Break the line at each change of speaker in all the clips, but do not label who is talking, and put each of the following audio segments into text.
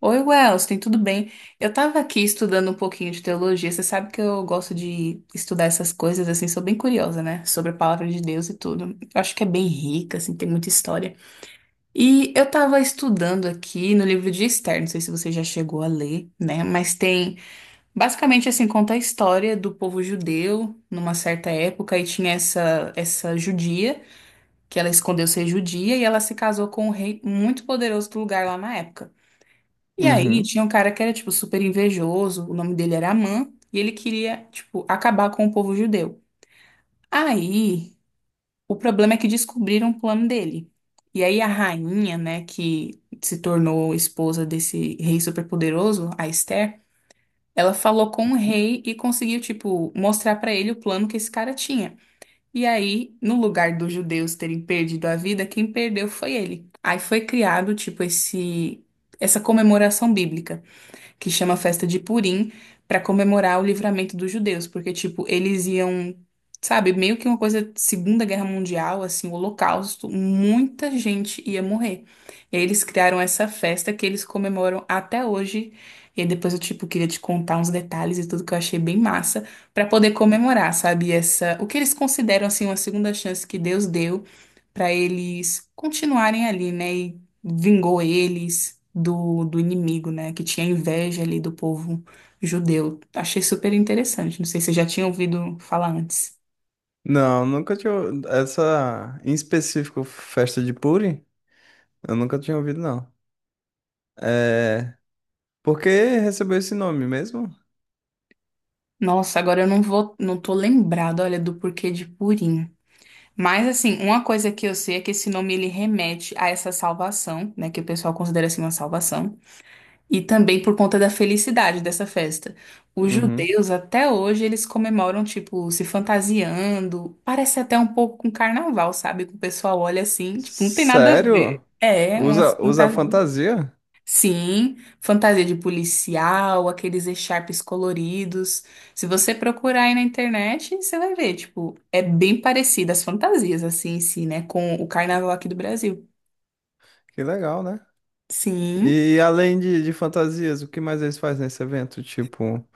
Oi, Wellston, tudo bem? Eu tava aqui estudando um pouquinho de teologia. Você sabe que eu gosto de estudar essas coisas, assim, sou bem curiosa, né? Sobre a palavra de Deus e tudo. Eu acho que é bem rica, assim, tem muita história. E eu tava estudando aqui no livro de Esther, não sei se você já chegou a ler, né? Mas tem, basicamente, assim, conta a história do povo judeu numa certa época e tinha essa judia, que ela escondeu ser judia e ela se casou com um rei muito poderoso do lugar lá na época. E aí
Uhum.
tinha um cara que era, tipo, super invejoso, o nome dele era Amã, e ele queria, tipo, acabar com o povo judeu. Aí, o problema é que descobriram o plano dele. E aí a rainha, né, que se tornou esposa desse rei superpoderoso, a Esther, ela falou com o rei e conseguiu, tipo, mostrar pra ele o plano que esse cara tinha. E aí, no lugar dos judeus terem perdido a vida, quem perdeu foi ele. Aí foi criado, tipo, esse essa comemoração bíblica que chama Festa de Purim, para comemorar o livramento dos judeus, porque, tipo, eles iam, sabe, meio que uma coisa, de Segunda Guerra Mundial, assim, o Holocausto, muita gente ia morrer. E aí eles criaram essa festa que eles comemoram até hoje. E aí depois eu, tipo, queria te contar uns detalhes e tudo que eu achei bem massa, para poder comemorar, sabe, essa, o que eles consideram, assim, uma segunda chance que Deus deu para eles continuarem ali, né? E vingou eles do inimigo, né? Que tinha inveja ali do povo judeu. Achei super interessante. Não sei se você já tinha ouvido falar antes.
Não, nunca tinha. Essa, em específico, festa de Puri, eu nunca tinha ouvido, não. É. Por que recebeu esse nome mesmo?
Nossa, agora eu não tô lembrado, olha, do porquê de Purim. Mas assim, uma coisa que eu sei é que esse nome ele remete a essa salvação, né? Que o pessoal considera assim uma salvação. E também por conta da felicidade dessa festa. Os
Uhum.
judeus, até hoje, eles comemoram, tipo, se fantasiando. Parece até um pouco com carnaval, sabe? Que o pessoal olha assim, tipo, não tem nada a ver.
Sério?
É, uma
Usa
fantasia.
fantasia?
Sim, fantasia de policial, aqueles echarpes coloridos. Se você procurar aí na internet, você vai ver, tipo, é bem parecida as fantasias, assim, em si, né? Com o
Que
carnaval aqui do Brasil.
que legal, né?
Sim.
E além de fantasias, o que mais eles fazem nesse evento? Tipo,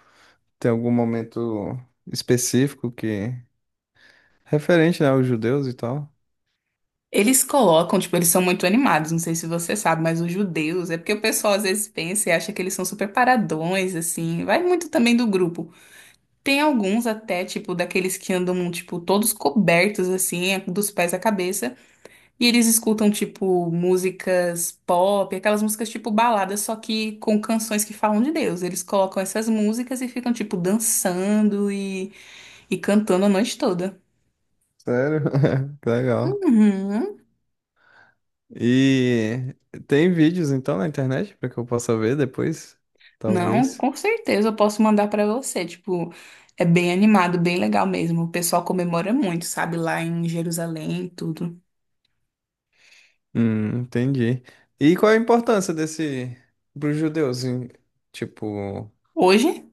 tem algum momento específico que. Referente, né, aos judeus e tal?
Eles colocam, tipo, eles são muito animados, não sei se você sabe, mas os judeus, é porque o pessoal às vezes pensa e acha que eles são super paradões, assim, vai muito também do grupo. Tem alguns até, tipo, daqueles que andam, tipo, todos cobertos, assim, é dos pés à cabeça, e eles escutam, tipo, músicas pop, aquelas músicas tipo baladas, só que com canções que falam de Deus. Eles colocam essas músicas e ficam, tipo, dançando e cantando a noite toda.
Sério? Que legal.
Uhum.
E tem vídeos então na internet para que eu possa ver depois,
Não,
talvez.
com certeza eu posso mandar pra você. Tipo, é bem animado, bem legal mesmo. O pessoal comemora muito, sabe, lá em Jerusalém e tudo.
Entendi. E qual é a importância desse para os judeus, tipo,
Hoje?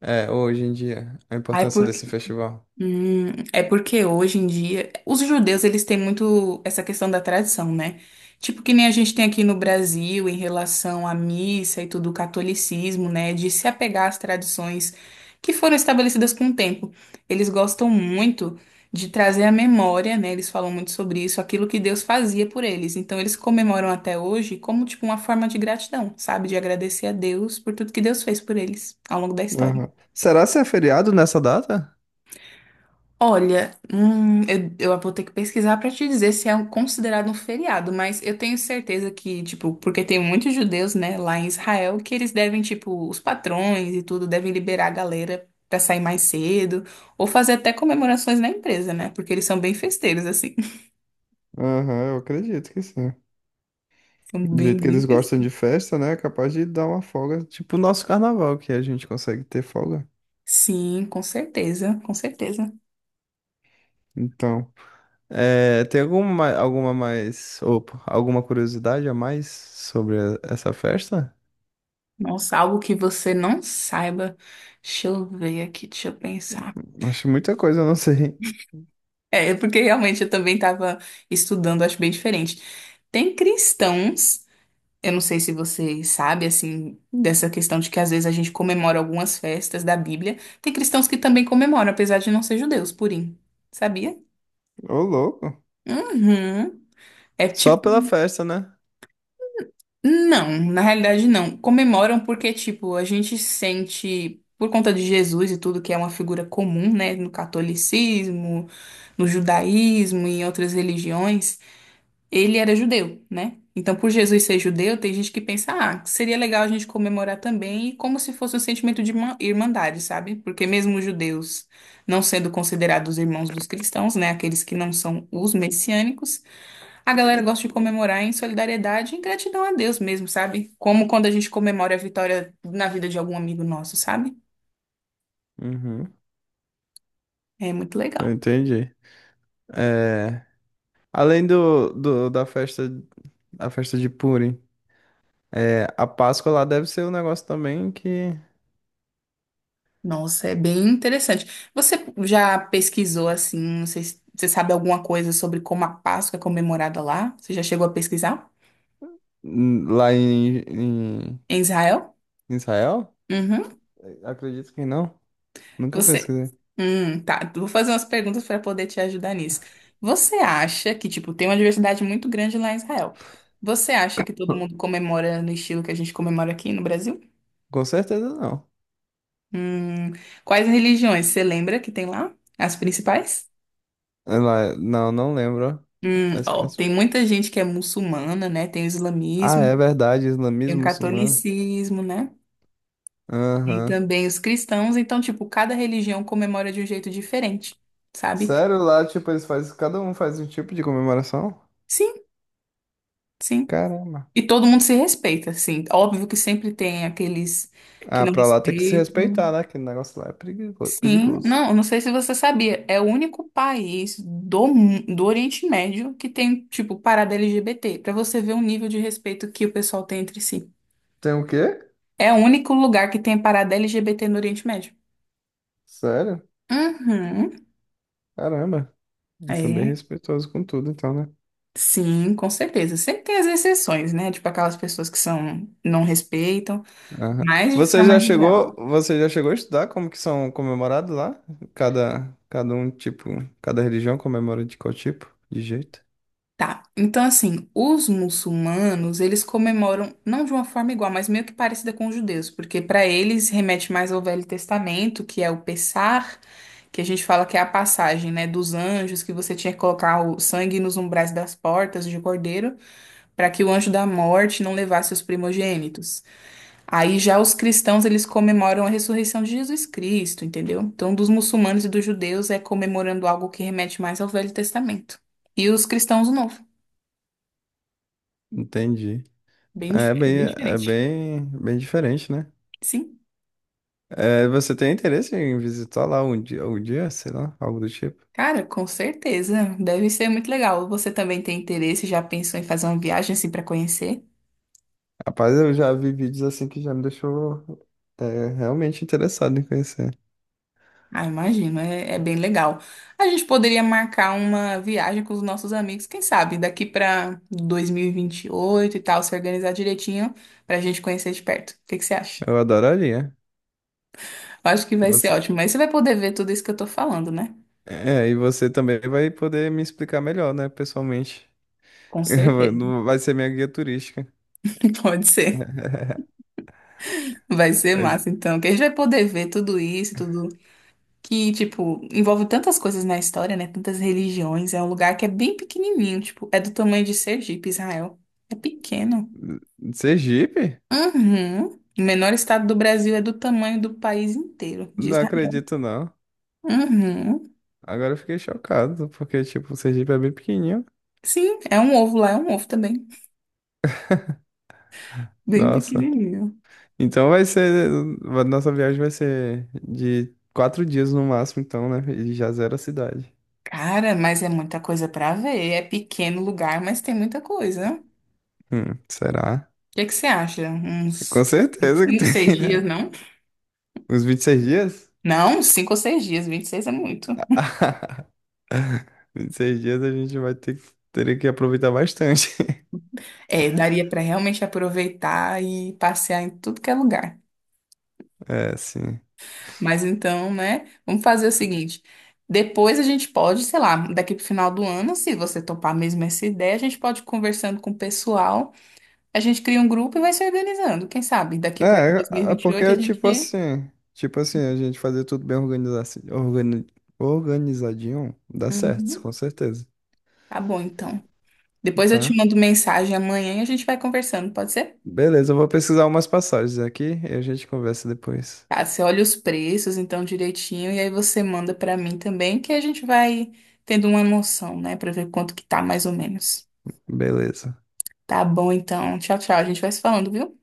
é, hoje em dia, a
Ai,
importância
por...
desse festival?
Hum, é porque hoje em dia os judeus eles têm muito essa questão da tradição, né? Tipo que nem a gente tem aqui no Brasil em relação à missa e tudo o catolicismo, né? De se apegar às tradições que foram estabelecidas com o tempo. Eles gostam muito de trazer à memória, né? Eles falam muito sobre isso, aquilo que Deus fazia por eles. Então eles comemoram até hoje como tipo uma forma de gratidão, sabe? De agradecer a Deus por tudo que Deus fez por eles ao longo da história.
Aham. Será se é feriado nessa data?
Olha, eu vou ter que pesquisar para te dizer se é considerado um feriado, mas eu tenho certeza que, tipo, porque tem muitos judeus, né, lá em Israel, que eles devem, tipo, os patrões e tudo devem liberar a galera para sair mais cedo, ou fazer até comemorações na empresa, né? Porque eles são bem festeiros, assim.
Aham, eu acredito que sim.
São
Do
bem,
jeito que
bem
eles gostam de
festeiros.
festa, né? É capaz de dar uma folga, tipo o nosso carnaval que a gente consegue ter folga.
Sim, com certeza, com certeza.
Então. É, tem alguma, alguma mais, opa, alguma curiosidade a mais sobre essa festa?
Nossa, algo que você não saiba. Deixa eu ver aqui, deixa eu pensar.
Acho muita coisa, eu não sei.
É, porque realmente eu também estava estudando, acho bem diferente. Tem cristãos, eu não sei se você sabe, assim, dessa questão de que às vezes a gente comemora algumas festas da Bíblia. Tem cristãos que também comemoram, apesar de não ser judeus, purim. Sabia?
Ô, louco.
Uhum. É
Só pela
tipo.
festa, né?
Não, na realidade não. Comemoram porque, tipo, a gente sente, por conta de Jesus e tudo, que é uma figura comum, né, no catolicismo, no judaísmo e em outras religiões. Ele era judeu, né? Então, por Jesus ser judeu, tem gente que pensa, ah, seria legal a gente comemorar também, e como se fosse um sentimento de irmandade, sabe? Porque mesmo os judeus não sendo considerados irmãos dos cristãos, né? Aqueles que não são os messiânicos, a galera gosta de comemorar em solidariedade e em gratidão a Deus mesmo, sabe? Como quando a gente comemora a vitória na vida de algum amigo nosso, sabe?
Uhum,
É muito
eu
legal.
entendi. É, além da festa, a festa de Purim, é, a Páscoa lá deve ser um negócio também que
Nossa, é bem interessante. Você já pesquisou assim, não sei se você sabe alguma coisa sobre como a Páscoa é comemorada lá? Você já chegou a pesquisar?
lá em, em
Em Israel?
Israel?
Uhum.
Acredito que não. Nunca
Você.
pesquisei.
Tá. Vou fazer umas perguntas para poder te ajudar nisso. Você acha que, tipo, tem uma diversidade muito grande lá em Israel? Você acha que todo mundo comemora no estilo que a gente comemora aqui no Brasil?
Com certeza não.
Hum, quais religiões você lembra que tem lá? As principais?
Ela, não lembro as.
Ó, tem muita gente que é muçulmana, né? Tem o
Ah,
islamismo.
é verdade,
Tem o
islamismo muçulmano.
catolicismo, né? Tem
Aham.
também os cristãos, então, tipo, cada religião comemora de um jeito diferente, sabe?
Sério, lá, tipo, eles fazem, cada um faz um tipo de comemoração?
Sim, sim.
Caramba.
E todo mundo se respeita, sim. Óbvio que sempre tem aqueles que
Ah,
não
pra lá tem que se respeitar,
respeitam.
né? Que o negócio lá é
Sim,
perigoso.
não, eu não sei se você sabia, é o único país do, do Oriente Médio que tem, tipo, parada LGBT, pra você ver o nível de respeito que o pessoal tem entre si.
Tem o quê?
É o único lugar que tem parada LGBT no Oriente Médio.
Sério?
Uhum.
Caramba. Eles são bem
É.
respeitosos com tudo, então, né?
Sim, com certeza. Sempre tem as exceções, né? Tipo aquelas pessoas que são, não respeitam,
Aham.
mas de
Você
forma
já
geral.
chegou, você já chegou a estudar como que são comemorados lá? Cada um, tipo, cada religião comemora de qual tipo? De jeito?
Tá. Então, assim, os muçulmanos, eles comemoram não de uma forma igual, mas meio que parecida com os judeus, porque para eles remete mais ao Velho Testamento, que é o Pessar, que a gente fala que é a passagem, né, dos anjos, que você tinha que colocar o sangue nos umbrais das portas de cordeiro, para que o anjo da morte não levasse os primogênitos. Aí já os cristãos, eles comemoram a ressurreição de Jesus Cristo, entendeu? Então, dos muçulmanos e dos judeus é comemorando algo que remete mais ao Velho Testamento. E os cristãos, o Novo.
Entendi.
Bem,
É
é
bem,
bem
é
diferente.
bem, bem diferente, né?
Sim.
É, você tem interesse em visitar lá um dia, sei lá, algo do tipo?
Cara, com certeza. Deve ser muito legal. Você também tem interesse, já pensou em fazer uma viagem assim para conhecer?
Rapaz, eu já vi vídeos assim que já me deixou é, realmente interessado em conhecer.
Ah, imagino, é, é bem legal. A gente poderia marcar uma viagem com os nossos amigos, quem sabe, daqui para 2028 e 28 e tal, se organizar direitinho pra gente conhecer de perto. O que que você acha?
Eu adoraria.
Eu acho que vai ser
Você,
ótimo. Mas você vai poder ver tudo isso que eu tô falando, né?
é, e você também vai poder me explicar melhor, né, pessoalmente.
Com certeza.
Não vai ser minha guia turística.
Pode ser. Vai ser massa, então. Que a gente vai poder ver tudo isso, tudo que, tipo, envolve tantas coisas na história, né? Tantas religiões. É um lugar que é bem pequenininho, tipo, é do tamanho de Sergipe, Israel. É pequeno.
Sergipe?
Uhum. O menor estado do Brasil é do tamanho do país inteiro, de
Não
Israel.
acredito, não.
Uhum.
Agora eu fiquei chocado, porque, tipo, o Sergipe é bem pequenininho.
Sim, é um ovo lá, é um ovo também. Bem
Nossa.
pequenininho.
Então vai ser. A nossa viagem vai ser de 4 dias no máximo, então, né? E já zero a cidade.
Cara, mas é muita coisa pra ver. É pequeno lugar, mas tem muita coisa. O
Será?
que que você acha?
Com
Uns
certeza que
cinco, seis
tem,
dias,
né?
não?
Uns 26 dias?
Não, cinco ou seis dias. 26 é muito.
26 dias a gente vai ter, teria que aproveitar bastante.
É, daria pra realmente aproveitar e passear em tudo que é lugar.
É, sim.
Mas então, né? Vamos fazer o seguinte. Depois a gente pode, sei lá, daqui pro final do ano, se você topar mesmo essa ideia, a gente pode ir conversando com o pessoal. A gente cria um grupo e vai se organizando. Quem sabe daqui para
É, é porque
2028 a
é tipo
gente.
assim. Tipo assim, a gente fazer tudo bem organi- organizadinho, dá certo,
Uhum.
com certeza.
Tá bom, então. Depois eu te
Tá?
mando mensagem amanhã e a gente vai conversando, pode ser?
Beleza, eu vou pesquisar umas passagens aqui e a gente conversa depois.
Tá, você olha os preços então direitinho e aí você manda pra mim também, que a gente vai tendo uma noção, né, pra ver quanto que tá mais ou menos.
Beleza.
Tá bom então. Tchau, tchau. A gente vai se falando, viu?